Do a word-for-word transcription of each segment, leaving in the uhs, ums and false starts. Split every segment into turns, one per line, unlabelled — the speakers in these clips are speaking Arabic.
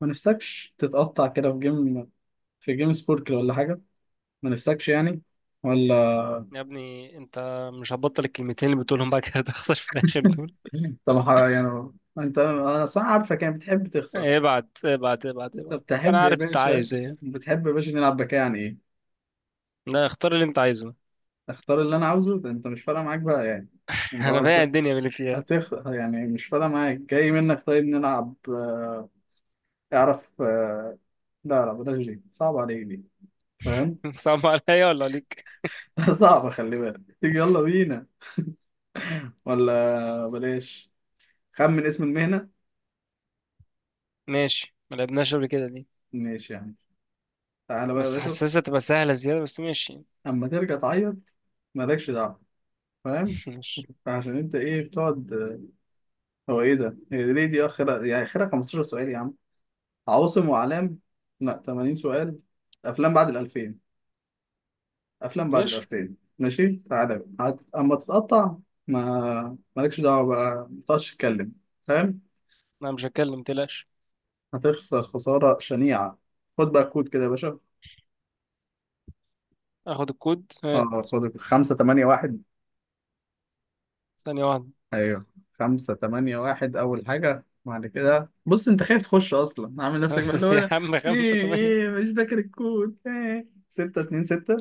ما نفسكش تتقطع كده في جيم في جيم سبوركل ولا حاجة. ما نفسكش يعني ولا.
يا ابني انت، مش هتبطل الكلمتين اللي بتقولهم بقى كده تخسر في الاخر دول.
طب ح- يعني انت انا صح عارفك يعني بتحب تخسر.
ابعت ابعت ابعت ابعت.
طب تحب
انا
يا
عارف انت
باشا.
عايز ايه.
بتحب يا باشا نلعب بك يعني ايه.
لا، اختار اللي انت عايزه.
اختار اللي انا عاوزه، ده انت مش فارقة معاك بقى يعني. لو
انا بايع
انت
الدنيا باللي فيها.
هتخ يعني مش فارقة معاك جاي منك. طيب نلعب آه، اعرف. آه، لا لا بلاش، دي صعب عليك دي. فاهم؟
صعب عليا ولا عليك؟
صعبة، خلي بالك. تيجي يلا بينا ولا بلاش؟ خمن اسم المهنة.
ماشي، ما لعبناش قبل كده دي.
ماشي يا عم، تعالى بقى يا
بس
باشا.
حاسسها تبقى سهله زياده، بس ماشي.
اما ترجع تعيط مالكش دعوه. فاهم؟
ماشي.
عشان انت ايه بتقعد؟ هو ايه ده، هي ليه دي اخرها؟ يعني اخرها 15 سؤال يا عم. عواصم واعلام. لا 80 سؤال. افلام بعد ال ألفين. افلام بعد ال
ماشي،
ألفين. ماشي تعالى بقى هت... اما تتقطع. ما مالكش دعوه بقى، ما تقعدش تتكلم. فاهم؟
انا مش هتكلم تلاش.
هتخسر خساره شنيعه. خد بقى كود كده يا باشا.
اخد الكود، هات.
اه خد خمسة تمانية واحد.
ثانيه واحده.
ايوه خمسة تمانية واحد. أول حاجة بعد كده بص، أنت خايف تخش أصلا، عامل نفسك بقى
خمسة
اللي هو
يا
أنا.
عم، خمسة
إيه
تمانية
إيه مش فاكر الكود؟ إيه ستة اتنين ستة؟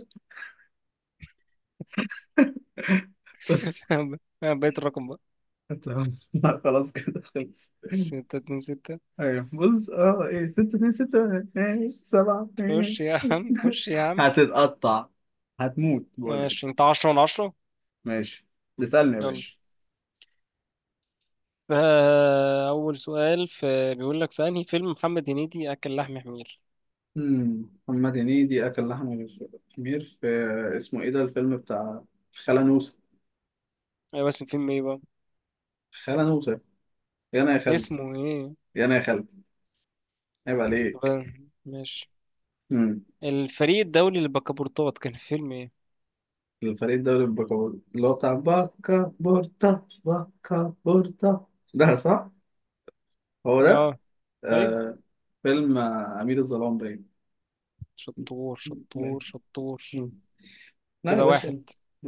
بس.
بقيت الرقم بقى.
تمام لا، خلاص كده خلص.
ستة اتنين ستة.
أيوه بص أه، إيه ستة اتنين ستة إيه سبعة إيه؟
خش يا عم، خش يا عم.
هتتقطع، هتموت بقول لك.
ماشي، انت عشرة من عشرة.
ماشي. اسألني يا
يلا.
باشا.
فأول سؤال في بيقول لك في أنهي فيلم محمد هنيدي أكل لحم حمير؟
مم. محمد هنيدي أكل لحم الخمير في اسمه إيه ده الفيلم بتاع خالة نوسة؟
أيوة، اسم الفيلم إيه بقى؟
خالة نوسة. يا انا يا خالد.
اسمه إيه؟
يا انا يا خالد. عيب عليك.
طب ماشي.
امم
الفريق الدولي للبكابورتات كان في فيلم إيه؟
الفريق الدوري البكابور اللي هو بتاع باكا بورتا باكا بورتا، ده صح، هو ده.
آه. أيوة.
آه. فيلم آه، أمير الظلام باين.
شطور شطور
باين.
شطور.
مم. لا يا
كده واحد
باشا،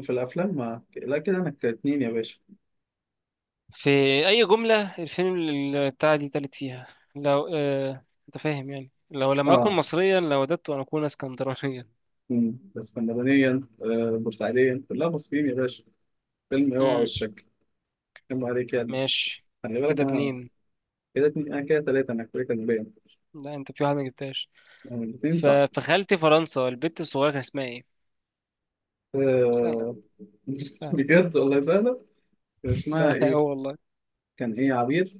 في الأفلام ما لا كده أنا كاتنين يا باشا.
في. أي جملة الفيلم اللي بتاع دي تالت فيها؟ لو آه... أنت فاهم يعني، لو لم أكن
اه.
مصريا لوددت أن أكون اسكندرانيا.
مم. اسكندرانيا آه، بورسعيديا، كلها مصريين يا باشا. فيلم اوعى
امم.
وشك. كم عليك يعني.
ماشي
خلي بالك
كده
أنا.
اتنين.
كده اتنين أنا، كده تلاتة أنا، كده كان باين.
لا، انت في واحد ما جبتهاش.
الاتنين
ف...
صح.
فخالتي فرنسا، البت الصغيرة كان اسمها ايه؟ سهلة.
آه
سهلة.
بجد والله سهلة. كان اسمها
سهلة اوي
ايه؟
والله.
كان ايه، عبير؟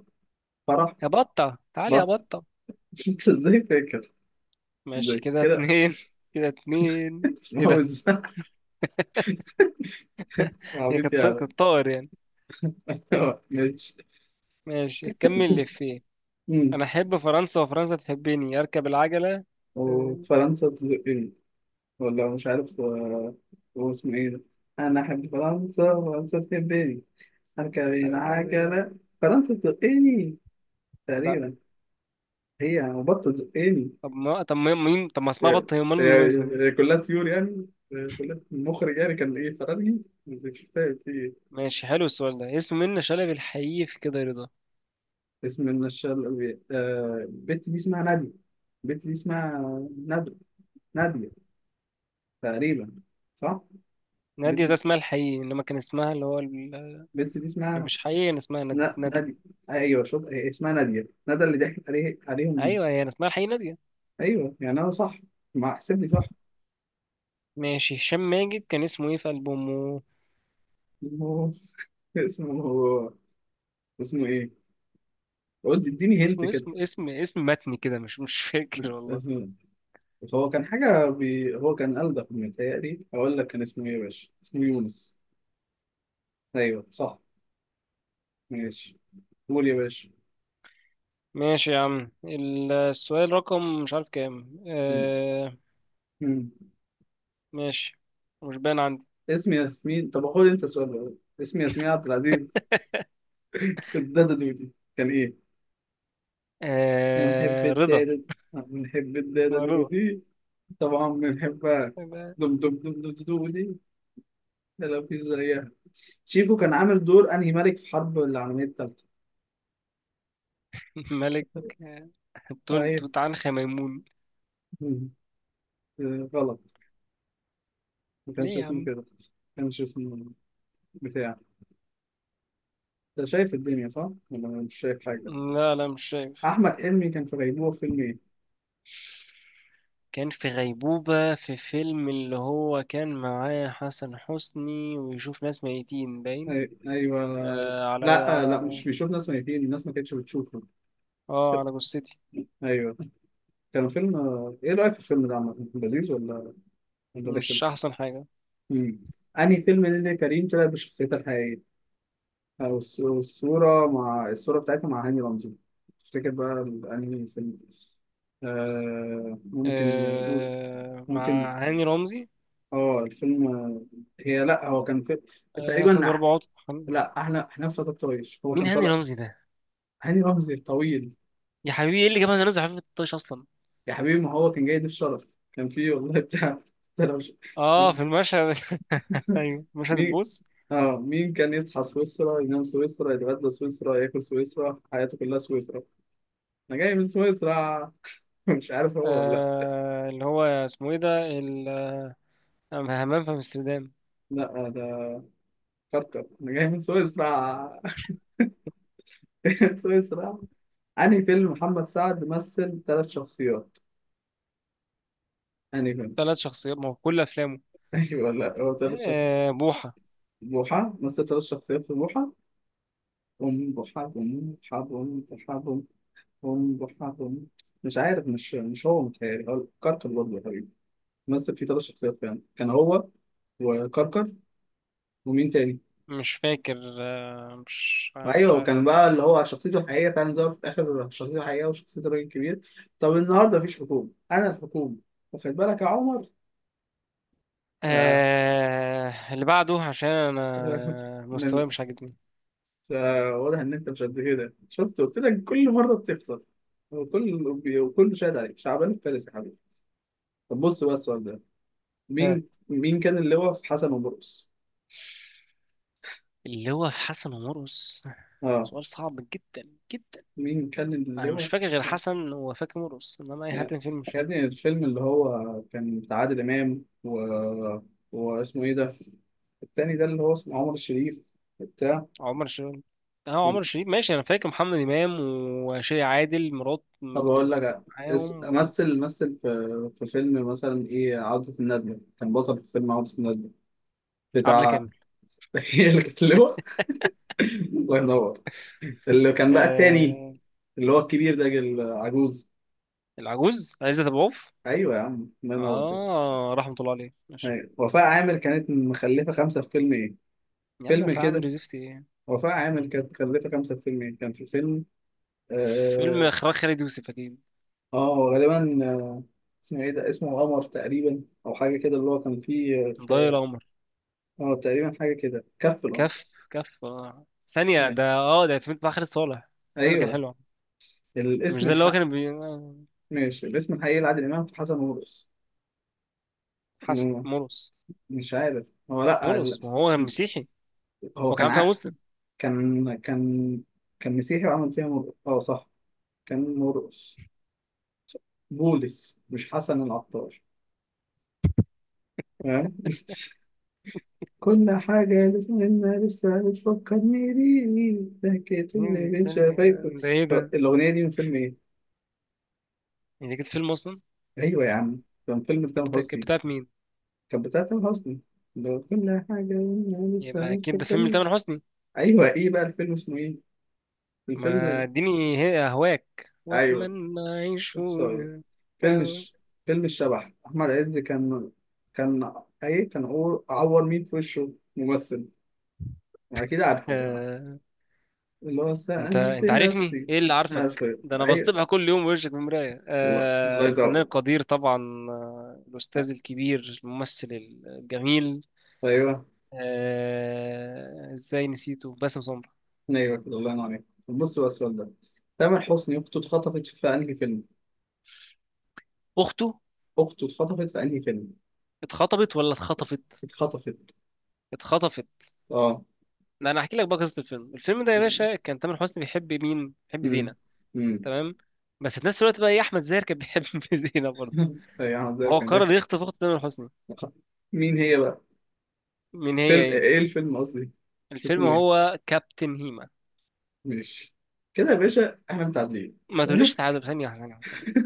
فرح؟
يا بطة، تعالي يا
بط.
بطة.
انت ازاي فاكر؟
ماشي
ازاي
كده
كده؟
اتنين. كده اتنين. ايه
اسمها
ده؟
وزة.
هي
عبيط
كانت ط-
يعني.
كانت طائر يعني.
آه، ماشي.
ماشي، كمل اللي فيه.
أمم.
انا احب فرنسا وفرنسا تحبني، اركب العجلة. اه،
وفرنسا تزقني، ولا مش عارف. آه، هو اسمه ايه ده؟ انا احب فرنسا، فرنسا تحبني، اركب
اركب العجلة.
العجلة، فرنسا تزقني.
لا
تقريبا. هي بط تزقني.
طب ما طب ما- مين طب ما اسمها
هي
بطة، هي امال مين وزة دي؟
هي- هي كلها طيور يعني. هي كلها المخرج يعني كان ايه، فرنسي مش فاهم في إيه.
ماشي، حلو السؤال ده. اسم منة شلبي الحقيقي في كده رضا.
اسم من الشر. آه، البت دي اسمها نادية. البت دي اسمها نادية. نادية. تقريبا. صح؟
نادية ده
البت،
اسمها الحقيقي، انما كان اسمها اللي هو
البت دي
اللي
اسمها
مش حقيقي أنا، اسمها ند-
نا-
ندى.
نادية. ايوه شوف، هي اسمها نادية، ندى اللي ضحكت عليه عليهم بيه.
أيوة هي، أنا اسمها الحقيقي نادية.
ايوه يعني انا صح. ما احسبني صح.
ماشي. هشام ماجد كان اسمه إيه في ألبومه؟
هو- اسمه. اسمه ايه؟ قلت
كان
اديني هنت
اسمه
كده.
اسم اسم اسم متني كده، مش مش فاكر والله.
اسمه. هو كان حاجة بي... هو كان ألدغ، متهيألي أقول لك كان اسمه إيه يا باشا؟ اسمه يونس. أيوه صح. ماشي. قول يا باشا.
ماشي يا عم ال- السؤال رقم مش عارف كام،
مم.
آه.
مم.
ماشي، مش باين عندي.
اسمي ياسمين، طب خد انت السؤال ده. اسمي ياسمين عبد العزيز في الدادا دودي كان ايه؟ بنحب
آه، رضا.
الدادا، بنحب الدادا
اسمها رضا.
دودي، طبعا بنحبها. دم دم دم دم دودي. ده لو في زيها. شيكو كان عامل دور انهي ملك في حرب العالمية التالتة؟
ملك، آه، توت
ايوه.
توت عنخ ميمون.
مم. آه، غلط. ما كانش
ليه يا
اسمه
عم؟
كده. ما كانش اسمه بتاع. انت شايف الدنيا صح؟ ولا مش شايف حاجة؟
لا لا، مش
أحمد حلمي كان في غيبوبة في فيلم إيه؟
شايف. كان في غيبوبة في فيلم اللي هو كان معاه حسن حسني ويشوف ناس ميتين باين.
أي- ايوه.
آه على
لا آه، لا،
على
مش بيشوف ناس ميتين، الناس ما كانتش بتشوفه.
اه، على جثتي.
ايوه. كان فيلم آه، ايه رايك في الفيلم ده عامه، لذيذ ولا ولا رخم؟
مش أحسن حاجة.
امم انهي فيلم اللي كريم طلع بشخصيتها الحقيقيه؟ او الص- الصوره مع الصوره بتاعتها مع هاني رمزي؟ تفتكر بقى ال- انهي فيلم؟ آه ممكن نقول-
آه،
ممكن.
مع هاني رمزي.
اه الفيلم، آه، هي لا هو كان في...
آه، أسد
تقريبا أح...
وأربع عطل.
لا احنا، احنا في فتى الطايش هو
مين
كان
هاني
طالع.
رمزي ده؟
هاني رمزي الطويل.
يا حبيبي، إيه اللي جاب هاني رمزي عفيف الطيش أصلا؟
يا حبيبي ما هو كان جاي ضيف شرف كان فيه والله بتاع. ده لو ش-
اه، في المشهد. أيوه، مشهد
مين؟
البوس.
اه مين كان يصحى سويسرا، ينام سويسرا، يتغدى سويسرا، ياكل سويسرا، حياته كلها سويسرا، انا جاي من سويسرا. مش عارف هو ولا لا.
آه، اللي هو اسمه إيه ده؟ ال- همام في أمستردام.
لا آه، ده كركر. انا جاي من سويسرا. سويسرا. انهي فيلم محمد سعد مثل ثلاث شخصيات؟ انهي فيلم؟
ثلاث شخصيات، ما هو كل أفلامه.
ايوه لا هو ثلاث شخصيات.
آه، بوحة.
بوحة. مثل ثلاث شخصيات في بوحة. أم بوحة، أم بوحة، أم بوحة. هم بحبهم. مش عارف، مش مش هو متهيألي هو كركر برضه يا حبيبي. مثل فيه ثلاث شخصيات فعلا كان هو وكركر ومين تاني؟
مش فاكر. مش مش
ايوه
عارف.
كان بقى اللي هو شخصيته الحقيقيه فعلا ظهرت في اخر شخصيته الحقيقيه، وشخصيه الراجل الكبير. طب النهارده مفيش حكومه، انا الحكومه. واخد بالك يا عمر؟ آه.
آه اللي بعده، عشان انا مستواي
من-
مش عاجبني.
آه، واضح ان انت مش قد كده، شفت قلت لك كل مره بتخسر. وكل وكل شاهد عليك شعبان فارس يا حبيبي. طب بص بقى السؤال ده.
ها؟
مين مين كان اللي هو في حسن ومرقص؟
اللي هو في حسن ومرقص.
اه
سؤال صعب جدا جدا.
مين كان
انا مش
اللواء؟
فاكر غير حسن وفاكر مرقص، انما اي حد
يا
في الفيلم مش
يا
فاكر.
ابني الفيلم اللي هو كان بتاع عادل إمام و... واسمه إيه ده؟ التاني ده اللي هو اسمه عمر الشريف بتاع.
عمر شريف. اه، عمر شريف. ماشي، انا فاكر محمد امام وشيري عادل مرات،
طب
كانت
أقول
كانت
لك. اس...
معاهم.
مثل مثل في... في فيلم مثلا إيه، عودة الندلة، كان بطل في فيلم عودة الندلة
وعبلة
بتاع.
كامل.
هي اللي كانت اللواء. الله ينور. اللي كان بقى التاني،
آه،
اللي هو الكبير ده العجوز.
العجوز عزت ابو عوف.
أيوه يا عم، الله ينور كده.
اه، رحمة الله عليه. ماشي
أيوة. وفاء عامر كانت مخلفة خمسة في فيلم إيه؟
يا عم، هو
فيلم
في
كده.
عامل زفت ايه؟
وفاء عامل كانت مكلفة خمسة فيلم إيه؟ كان في فيلم
فيلم
آه,
اخراج خالد يوسف اكيد.
آه غالبا آه. اسمه إيه ده، اسمه قمر تقريبا أو حاجة كده اللي هو كان فيه.
ضايع
آه.
القمر.
آه، تقريبا حاجة كده، كف القمر.
كف كف آه. ثانية
أيوه.
ده، اه ده فيلم بتاع خالد صالح. الفيلم ده كان
أيوه.
حلو. مش
الاسم
ده اللي هو
الحق.
كان بي... آه،
ماشي، الاسم الحقيقي لعادل إمام في حسن ومرقص.
حسن
مم،
مرقص.
مش عارف هو لأ
مرقص،
ال-
ما هو مسيحي.
هو
هو
كان
كان فيها
عا...
مسلم.
كان كان كان مسيحي وعمل فيها مرقص، آه صح. كان مرقص بولس مش حسن العطار. فاهم؟ كل حاجة لسنا لسه بتفكرني بيه، ضحكت
مين
اللي
اللي-
بين
ده
شفايفه.
اللي- ده ايه
طب
ده؟
الأغنية دي من فيلم إيه؟
يعني كانت فيلم اصلا؟
أيوة يا عم، كان فيلم
كانت
تامر
بتا- كانت
حسني.
بتاعت مين؟
كان بتاع تامر حسني. لو كل حاجة لسنا لسه
يبقى اكيد ده فيلم
بتفكرني.
لتامر حسني.
أيوة إيه بقى الفيلم، اسمه إيه؟
ما
الفيلم.
اديني هي- اهواك
أيوة.
واتمنى اعيش
sorry.
في-
فيلم
آه.
الش... فيلم الشبح، أحمد عز كان. كان. أي كان أقول- أعور مين في وشه ممثل. أكيد عارفه بقى،
آه،
اللي هو
انت
سألت
انت عارفني
نفسي.
ايه اللي عارفك
عارفه.
ده، انا
أيوة.
بصطبح كل يوم بوشك في المرايه.
الله، الله
آه، الفنان
يدعوك.
القدير طبعا. آه، الاستاذ الكبير، الممثل الجميل.
ايوه.
آه، ازاي نسيته؟ باسم سمرة.
ايوه كده، الله ينور عليك. بص بقى السؤال ده. تامر حسني اخته اتخطفت في انهي فيلم؟
اخته
اخته اتخطفت في انهي فيلم؟
اتخطبت ولا اتخطفت؟
اتخطفت.
اتخطفت.
اه.
لا، انا هحكي لك بقى قصه الفيلم. الفيلم ده يا باشا كان تامر حسني بيحب مين؟ بيحب
امم
زينه.
امم
تمام. بس في نفس الوقت بقى ايه، احمد زاهر كان بيحب زينه برضه.
ايوه احمد زاهر
وهو
كان
قرر
داخل.
يخطف اخت تامر حسني.
مين هي بقى؟
مين هي
فيلم
ايه.
ايه الفيلم قصدي؟
الفيلم
اسمه ايه؟
هو كابتن هيما.
ماشي، كده يا باشا احنا متعادلين.
ما تقوليش تعادل. ثانية واحدة، ثانية واحدة، ثانية واحدة.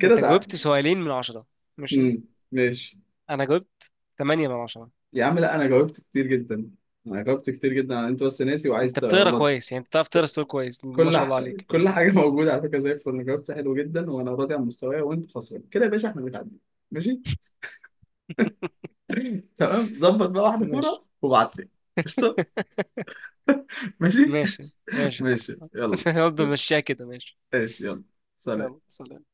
كده
أنت جاوبت
تعادل.
سؤالين من عشرة، ماشي.
امم ماشي.
أنا جاوبت تمانية من عشرة.
يا عم لا انا جاوبت كتير جدا. انا جاوبت كتير جدا، انت بس ناسي وعايز
أنت بتقرا
تغلط.
كويس يعني، بتعرف تقرا السؤال كويس دي، ما
كل
شاء
ح...
الله عليك
كل
يعني.
حاجه موجوده على فكره زي الفل. أنا جاوبت حلو جدا وانا راضي عن مستواي، وانت خسران كده يا باشا. احنا متعادلين. ماشي. تمام، ظبط بقى واحده
ماشي.
كوره وابعت لي. قشطه. ماشي.
ماشي. ماشي يا
ماشي
حبيبي.
يلا.
برضه مشيها كده، ماشي.
ماشي يلا. سلام.
يلا سلام.